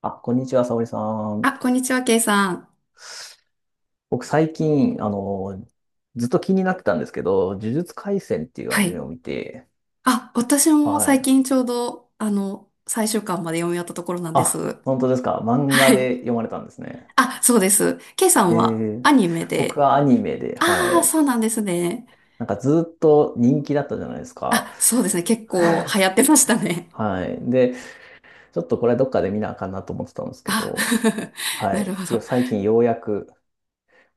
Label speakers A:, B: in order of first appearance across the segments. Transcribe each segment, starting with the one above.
A: あ、こんにちは、沙織さ
B: あ、
A: ん。
B: こんにちは、ケイさん。
A: 僕最近、ずっと気になってたんですけど、呪術廻戦っていうア
B: は
A: ニメ
B: い。
A: を見て、
B: あ、私も
A: は
B: 最
A: い。
B: 近ちょうど、あの、最終巻まで読み終わったところなんで
A: あ、
B: す。
A: 本当ですか。漫画
B: はい。
A: で読まれたんですね。
B: あ、そうです。ケイさん
A: え
B: はア
A: ー、
B: ニメ
A: 僕
B: で。
A: はアニメで、は
B: ああ、
A: い。
B: そうなんですね。
A: なんかずっと人気だったじゃないですか。
B: あ、そうですね。結構 流行ってましたね。
A: はい。で、ちょっとこれどっかで見なあかんなと思ってたんですけ
B: あ、
A: ど、は
B: なる
A: い。
B: ほど。
A: 最近ようやく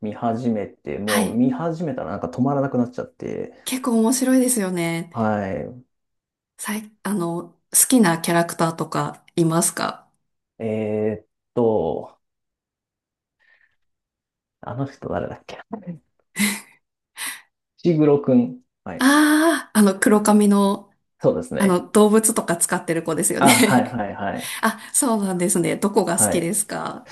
A: 見始めて、
B: は
A: もう
B: い。
A: 見始めたらなんか止まらなくなっちゃって、
B: 結構面白いですよね。
A: はい。
B: あの、好きなキャラクターとかいますか？
A: えーっと、あの人誰だっけ。 石黒くん。はい。
B: ああー、あの、黒髪の、
A: そうです
B: あの、
A: ね。
B: 動物とか使ってる子ですよね。
A: あ、はいはいはい。
B: あ、そうなんですね。どこが好
A: は
B: き
A: い。
B: ですか？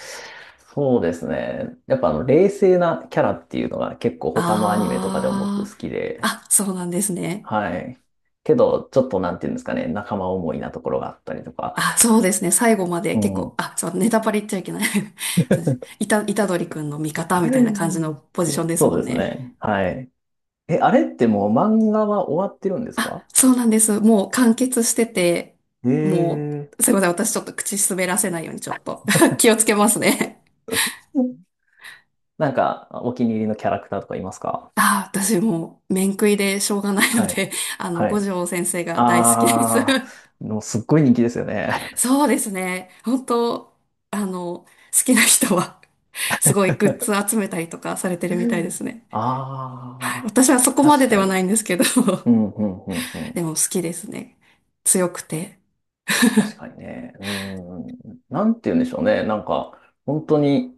A: そうですね。やっぱ冷静なキャラっていうのが結構他のアニメとかでも僕
B: ああー。
A: 好きで、
B: あ、そうなんですね。
A: はい。けど、ちょっとなんていうんですかね、仲間思いなところがあったりとか。
B: あ、そうですね。最後まで
A: う
B: 結構、
A: ん。
B: あ、そう、ネタバレ言っちゃいけない。 そうです。いたくんの味方みたいな感じのポジション です
A: そ
B: も
A: う
B: ん
A: です
B: ね。
A: ね。はい。え、あれってもう漫画は終わってるんですか？
B: あ、そうなんです。もう完結してて、
A: へ
B: も
A: え。
B: う、すいません。私ちょっと口滑らせないようにちょっと 気をつけますね。
A: なんか、お気に入りのキャラクターとかいますか？
B: あ、私もう、面食いでしょうがないの
A: はい。
B: で、あの、
A: は
B: 五
A: い。
B: 条先生が大好きです。
A: ああ、もうすっごい人気ですよね。
B: そうですね。本当、あの、好きな人は すごいグッズ集めたりとかされてるみたいで すね。はい。
A: ああ、
B: 私はそこま
A: 確
B: でで
A: か
B: はな
A: に。
B: いんですけど。
A: うん、うん、うん、う ん。
B: でも好きですね。強くて。
A: 確かにね。うん。なんて言うんでしょうね。なんか、本当に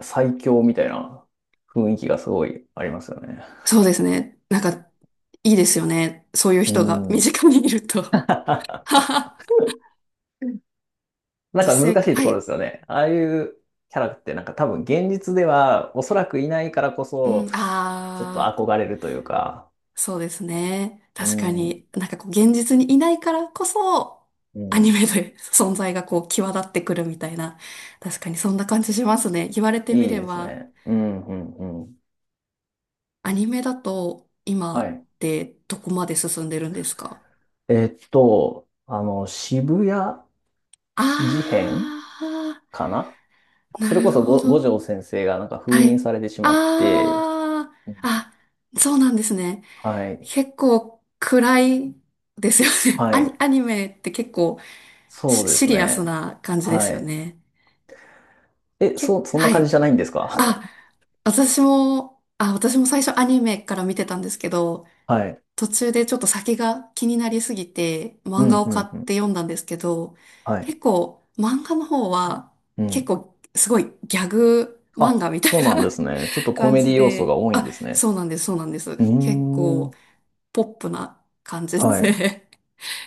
A: 最強みたいな雰囲気がすごいありますよね。
B: そうですね。なんか、いいですよね。そういう
A: う
B: 人が身
A: ん。
B: 近にいる と。
A: な ん
B: 実
A: か
B: 生
A: 難
B: 活、
A: しいと
B: は
A: ころ
B: い。
A: ですよね。ああいうキャラってなんか多分現実ではおそらくいないからこ
B: う
A: そ、
B: ん、
A: ちょっと
B: あ、
A: 憧れるというか。
B: そうですね。
A: う
B: 確か
A: ん。
B: に、なんかこう、現実にいないからこそ、
A: う
B: アニ
A: ん。
B: メで 存在がこう、際立ってくるみたいな。確かにそんな感じしますね。言われてみ
A: いい
B: れ
A: です
B: ば、
A: ね。うん、うん、うん。
B: アニメだと、
A: は
B: 今
A: い。
B: ってどこまで進んでるんですか？
A: 渋谷事変
B: あ
A: かな。
B: ー、
A: そ
B: な
A: れこ
B: る
A: そ
B: ほ
A: 五
B: ど。
A: 条先生がなんか
B: は
A: 封印
B: い。
A: されてしまって、
B: あ
A: う
B: ー、
A: ん。
B: あ、そうなんですね。
A: はい。
B: 結構暗いですよね。
A: は
B: アニ、
A: い。
B: アニメって結構
A: そ
B: シ
A: うで
B: シ
A: す
B: リアス
A: ね。
B: な感じです
A: は
B: よ
A: い。
B: ね。
A: え、そ、そん
B: は
A: な感じ
B: い。
A: じゃないんですか？
B: あ、あ、私も最初アニメから見てたんですけど、
A: はい。
B: 途中でちょっと先が気になりすぎて
A: う
B: 漫画
A: ん、
B: を
A: う
B: 買
A: ん、う
B: って
A: ん。
B: 読んだんですけど、
A: は
B: 結
A: い。
B: 構漫画の方は
A: う
B: 結
A: ん。
B: 構すごいギャグ漫画
A: あ、
B: みたい
A: そうなんで
B: な
A: すね。ちょっ とコ
B: 感
A: メデ
B: じ
A: ィ要素が
B: で、
A: 多いん
B: あ、
A: ですね。
B: そうなんです、そうなんで
A: う
B: す。結
A: ー
B: 構
A: ん。
B: ポップな感じで
A: は
B: す
A: い。
B: ね。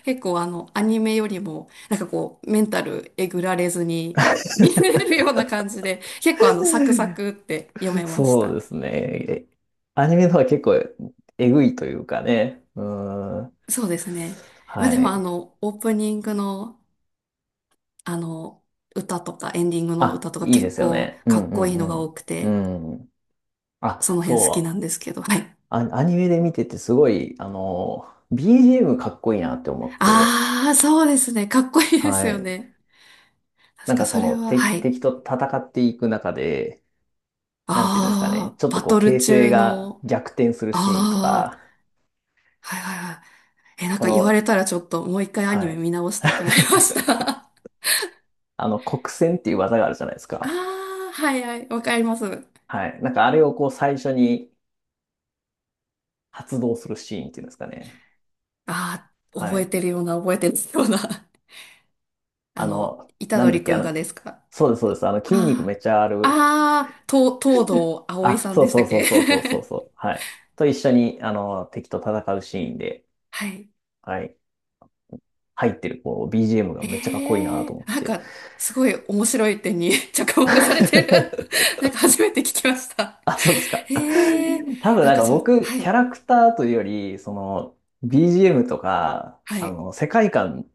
B: 結構あの、アニメよりも、なんかこう、メンタルえぐられずに見れるような感じで、結構サクサクって読めまし
A: そう
B: た。
A: ですね。アニメの方は結構えぐいというかね。うーん。
B: そうですね。まあ
A: は
B: でもあ
A: い。
B: の、オープニングの、あの、歌とかエンディングの
A: あ、
B: 歌とか
A: いいで
B: 結
A: すよ
B: 構
A: ね。う
B: か
A: ん
B: っ
A: う
B: こいいのが多
A: ん
B: く
A: う
B: て、
A: ん。うん。あ、
B: その辺好きな
A: そう。
B: んですけど、はい。
A: あ、アニメで見ててすごい、BGM かっこいいなって思って。
B: ああ、そうですね。かっこいいです
A: は
B: よ
A: い。
B: ね。確
A: なん
B: か
A: かそ
B: それ
A: の
B: は、は
A: 敵、
B: い。
A: 敵と戦っていく中で、なんていうんですかね。
B: ああ、
A: ちょっと
B: バ
A: こう
B: トル
A: 形勢
B: 中
A: が
B: の、
A: 逆転するシーンと
B: あ
A: か、
B: あ、はいはいはい。え、なん
A: こ
B: か言わ
A: の、
B: れたらちょっともう一回アニ
A: は
B: メ
A: い。
B: 見直したくなりまし た。
A: 黒閃っていう技があるじゃないです
B: あ
A: か。
B: あ、はいはい、わかります。
A: はい。なんかあれをこう最初に発動するシーンっていうんですかね。
B: ああ、覚
A: は
B: え
A: い。
B: てるような、覚えてるような。あの、虎
A: なんだ
B: 杖
A: っ
B: く
A: け、
B: んがですか？
A: そうです、そうです。筋肉め
B: あ
A: っちゃある。
B: あ、ああ、と、東堂葵
A: あ、
B: さん
A: そう
B: でし
A: そ
B: たっ
A: うそう
B: け。
A: そうそうそう そう。はい。と一緒に、敵と戦うシーンで、
B: はい。
A: はい。入ってる、こう、BGM がめっちゃかっこいいな
B: え
A: と
B: え、
A: 思っ
B: なん
A: て。
B: か、すごい面白い点に 着目されてる。なんか初めて聞きました。
A: あ、そうですか。
B: ええ、
A: 多分
B: なん
A: なん
B: か
A: か
B: ちょっと、
A: 僕、
B: は
A: キ
B: い、
A: ャラクターというより、その、BGM とか、
B: はい。
A: 世界観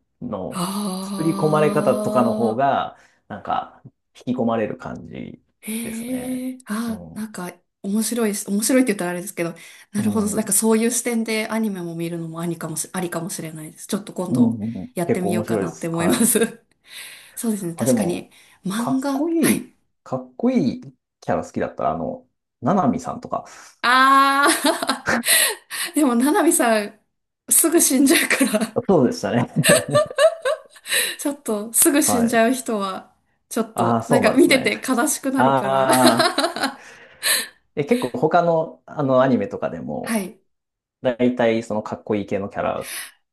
B: あ
A: の作り込まれ方とかの方
B: あ。
A: が、なんか、引き込まれる感じですね。
B: へえ、
A: う
B: あ、な
A: ん。
B: んか面白いし、面白いって言ったらあれですけど、な
A: う
B: るほど、
A: ん。
B: な
A: う
B: んか
A: ん
B: そういう視点でアニメも見るのもありかもしれないです。ちょっと今
A: う
B: 度
A: んうん、
B: やって
A: 結構
B: みよう
A: 面
B: か
A: 白い
B: な
A: で
B: って
A: す。
B: 思い
A: は
B: ま
A: い。
B: す。そうですね、
A: あ、で
B: 確かに
A: も、か
B: 漫
A: っ
B: 画、
A: こ
B: は
A: い
B: い。
A: い、かっこいいキャラ好きだったら、ななみさんとか、
B: あー、でも、ななみさん、すぐ死んじゃうから、
A: そうでしたね。
B: ちょっと、すぐ死
A: は
B: んじ
A: い。
B: ゃう人は、ちょっ
A: ああ、
B: と、なん
A: そう
B: か
A: なんで
B: 見
A: す
B: て
A: ね。
B: て悲しくなるから。
A: ああ。で、結構他の、あのアニメとかで
B: は
A: も、
B: い。
A: だいたいそのかっこいい系のキャラ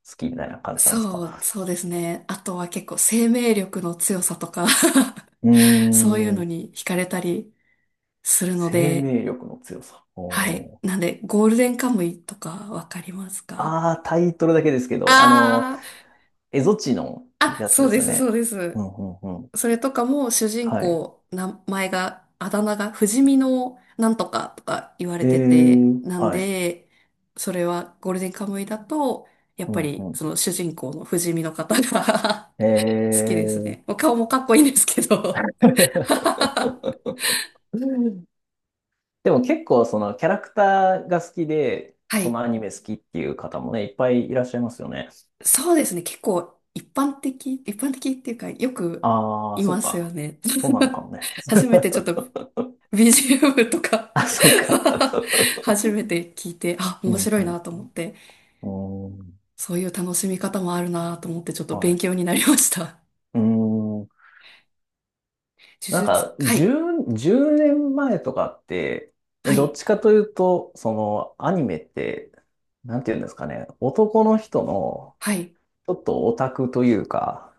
A: 好きみたいな感じなんです
B: そう、
A: か？
B: そうですね。あとは結構生命力の強さとか
A: うー
B: そういうの
A: ん。
B: に惹かれたりするの
A: 生
B: で、
A: 命力の強さ。
B: はい。
A: おー。
B: なんで、ゴールデンカムイとかわかりますか？
A: ああ、タイトルだけですけど、
B: あ
A: エゾチの
B: あー、あ、
A: やつ
B: そう
A: です
B: で
A: よ
B: す、そう
A: ね。
B: で
A: う
B: す。
A: んうんうん。
B: それとかも主人
A: はい。
B: 公、名前が、あだ名が不死身のなんとかとか言われてて、なん
A: はい。
B: で、それはゴールデンカムイだと、やっ
A: う
B: ぱ
A: ん
B: り
A: う
B: その主人公の不死身の方が
A: ん。え
B: 好きですね。
A: ー。
B: もう顔もかっこいいんですけど。
A: でも結構そのキャラクターが好きで、
B: は
A: その
B: い。
A: アニメ好きっていう方もね、いっぱいいらっしゃいますよね。
B: そうですね。結構一般的、一般的っていうか、よく
A: ああ、
B: い
A: そ
B: ま
A: っ
B: すよ
A: か。
B: ね。
A: そうなのかもね。
B: 初めてちょっと BGM とか
A: あ、そっか。
B: 初めて聞いて、あ、
A: う
B: 面
A: ん、
B: 白
A: う
B: い
A: ん。
B: なと思って、
A: うーん、
B: そういう楽しみ方もあるなと思って、ちょっと
A: は
B: 勉
A: い。
B: 強になりました。
A: うーん。
B: 呪
A: なん
B: 術、
A: か、
B: はい、
A: 10年前とかって、え、
B: は
A: どっ
B: い、
A: ちかというと、その、アニメって、なんていうんですかね、男の人の、
B: はい。
A: ちょっとオタクというか、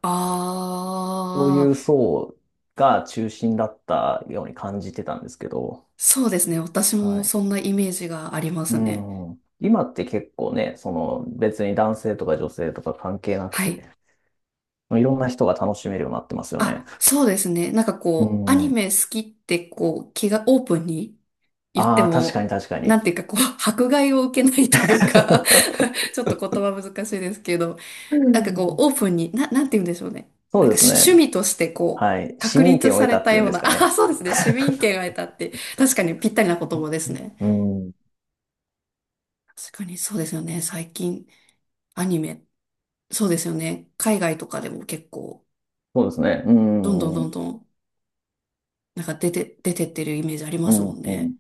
A: そうい
B: あ
A: う
B: ー、
A: 層が中心だったように感じてたんですけど、
B: そうですね。私
A: は
B: も
A: い。
B: そんなイメージがありま
A: う
B: すね。
A: ん。今って結構ね、その別に男性とか女性とか関係なく
B: は
A: て、
B: い。
A: いろんな人が楽しめるようになってますよね。
B: あ、そうですね。なんか
A: う
B: こう、アニ
A: ん。
B: メ好きってこう、気がオープンに言って
A: ああ、確かに
B: も、
A: 確か
B: な
A: に。
B: んていうかこう、迫害を受けないというか。 ちょっと言葉難しいですけど、
A: う
B: なんかこう、
A: ん、
B: オープンに、なんて言うんでしょうね。
A: そ
B: な
A: う
B: ん
A: で
B: か
A: す
B: 趣
A: ね。
B: 趣味としてこう、
A: はい。市
B: 確
A: 民
B: 立
A: 権を
B: さ
A: 得
B: れ
A: たっ
B: た
A: ていうん
B: よう
A: です
B: な、
A: か
B: ああ、
A: ね。
B: そうですね。市民権が得たって、確かにぴったりな言葉ですね。
A: うん。
B: 確かにそうですよね。最近、アニメ、そうですよね。海外とかでも結構、
A: そうですね。う
B: どんどん
A: ん。う
B: どんど
A: ん。
B: ん、なんか出てってるイメージありま
A: う
B: すもんね。
A: ん。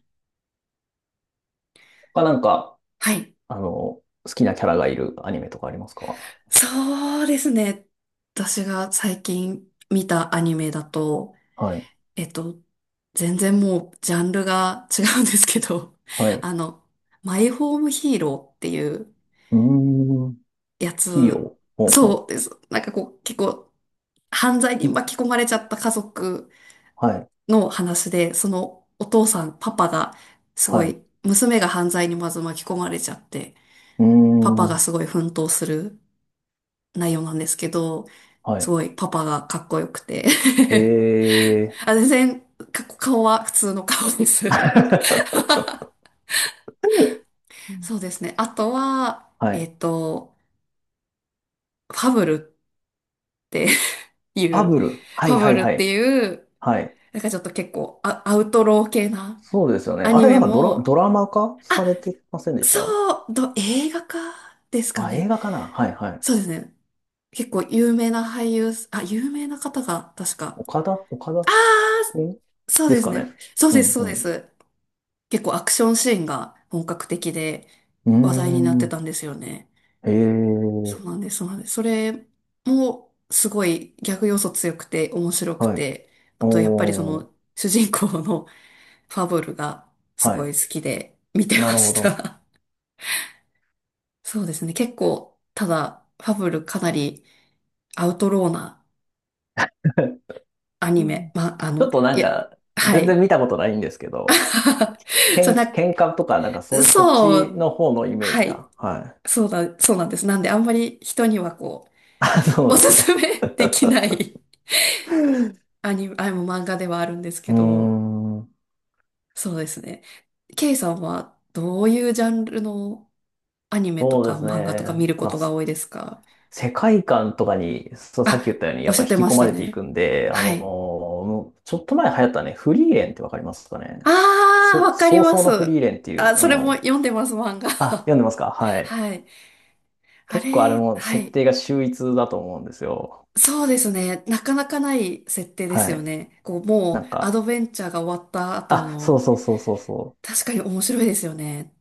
A: 他なんか、
B: はい。
A: 好きなキャラがいるアニメとかありますか？
B: そうですね。私が最近見たアニメだと、
A: はい。
B: えっと、全然もうジャンルが違うんですけど、
A: はい。う
B: あの、マイホームヒーローっていう
A: ーん。
B: や
A: ヒーロー。
B: つ、
A: ほうほ
B: そ
A: う。
B: うです。なんかこう、結構犯罪に
A: ひ、
B: 巻き込まれちゃった家族
A: はい。
B: の話で、そのお父さん、パパが、す
A: は
B: ご
A: い。
B: い、娘が犯罪にまず巻き込まれちゃって、
A: うー
B: パパが
A: ん。
B: すごい奮闘する内容なんですけど、
A: は
B: す
A: い。
B: ごいパパがかっこよくて
A: ええ
B: あ、全然、顔は普通の顔です。
A: ー。
B: そうですね。あとは、
A: はい。
B: ファブルってい
A: ファ
B: う、
A: ブル。は
B: フ
A: い
B: ァ
A: は
B: ブ
A: い
B: ルっ
A: は
B: て
A: い。
B: いう、
A: はい。
B: なんかちょっと結構アウトロー系な
A: そうですよね。
B: ア
A: あ
B: ニ
A: れな
B: メ
A: んかドラ、ド
B: も、
A: ラマ化
B: あ、
A: されてませんでし
B: そ
A: た？
B: う、映画化ですか
A: あ、映
B: ね。
A: 画かな、はいはい。
B: そうですね。結構有名な俳優、あ、有名な方が確か。
A: 岡田君
B: そう
A: で
B: で
A: す
B: す
A: か
B: ね。
A: ね。
B: そう
A: う
B: です、
A: ん
B: そう
A: う
B: で
A: ん。
B: す。結構アクションシーンが本格的で
A: う
B: 話題になって
A: ー
B: たんですよね。
A: ん。ええ
B: そう
A: ー。
B: なんです、そうなんです。それもすごいギャグ要素強くて面白く
A: はい。
B: て、あとやっぱりそ
A: お
B: の
A: ー。
B: 主人公の ファブルがす
A: は
B: ごい
A: い。
B: 好きで見て
A: な
B: ま
A: るほ
B: し
A: ど。
B: た。そうですね。結構、ただファブルかなりアウトローな ア
A: う
B: ニメ。
A: ん、
B: まあ、あ
A: ちょっ
B: の、
A: と
B: い
A: なん
B: や、
A: か、
B: は
A: 全然
B: い。
A: 見たことないんですけど、
B: そうな、
A: 喧嘩とか、なんかそ、そっ
B: そ
A: ち
B: う、
A: の方のイメー
B: は
A: ジ
B: い。
A: が。はい。
B: そうだ、そうなんです。なんであんまり人にはこ
A: あ、そ
B: う、
A: う
B: お
A: で
B: す
A: す
B: す
A: ね。
B: めできない アニメ、あ、もう漫画ではあるんです
A: う
B: け
A: ー
B: ど、
A: ん、
B: そうですね。ケイさんはどういうジャンルのアニメと
A: そう
B: か
A: です
B: 漫画とか見
A: ね。
B: るこ
A: まあ、
B: とが多いですか？
A: 世界観とかに、そう、さっき
B: あ、
A: 言ったように、
B: お
A: や
B: っ
A: っ
B: し
A: ぱ
B: ゃっ
A: 引
B: て
A: き
B: ま
A: 込
B: し
A: ま
B: た
A: れてい
B: ね。
A: くんで、
B: はい。
A: もうちょっと前流行ったね、フリーレンってわかりますかね。
B: ああ、わかり
A: 早
B: ま
A: 々
B: す。
A: のフリーレンってい
B: あ、
A: う、
B: それも読んでます、漫画。
A: あ、読んでますか？は い。
B: はい。あ
A: 結構あれ
B: れ、
A: も
B: は
A: 設
B: い。
A: 定が秀逸だと思うんですよ。
B: そうですね。なかなかない設定です
A: は
B: よ
A: い。
B: ね。こう、
A: な
B: もう、
A: ん
B: ア
A: か、
B: ドベンチャーが終わった後
A: あ、そう
B: の、
A: そうそうそうそう。
B: 確かに面白いですよね。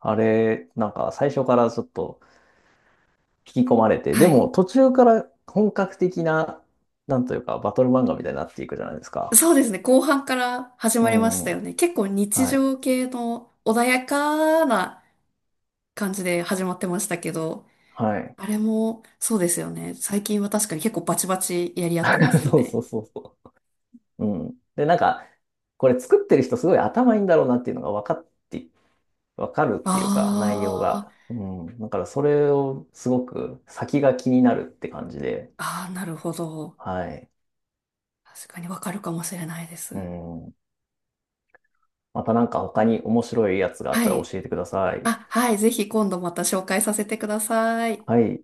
A: あれ、なんか最初からちょっと引き込まれて、で
B: は
A: も
B: い。
A: 途中から本格的な、なんというか、バトル漫画みたいになっていくじゃないですか。
B: そうですね。後半から始
A: う
B: まりましたよ
A: ん。
B: ね。結構日
A: はい。
B: 常系の穏やかな感じで始まってましたけど、
A: はい。
B: あれもそうですよね。最近は確かに結構バチバチやり合ってますよ
A: そうそ
B: ね。
A: うそうそう。うん。で、なんか、これ作ってる人すごい頭いいんだろうなっていうのが分かって、分かるっ
B: あ
A: ていうか、内容
B: ー、
A: が。うん。だからそれをすごく先が気になるって感じで。
B: あー、なるほど。
A: はい。
B: 確かにわかるかもしれないで
A: う
B: す。
A: ん。またなんか他に面白いやつがあっ
B: は
A: たら
B: い。
A: 教えてください。
B: あ、はい。ぜひ今度また紹介させてください。
A: はい。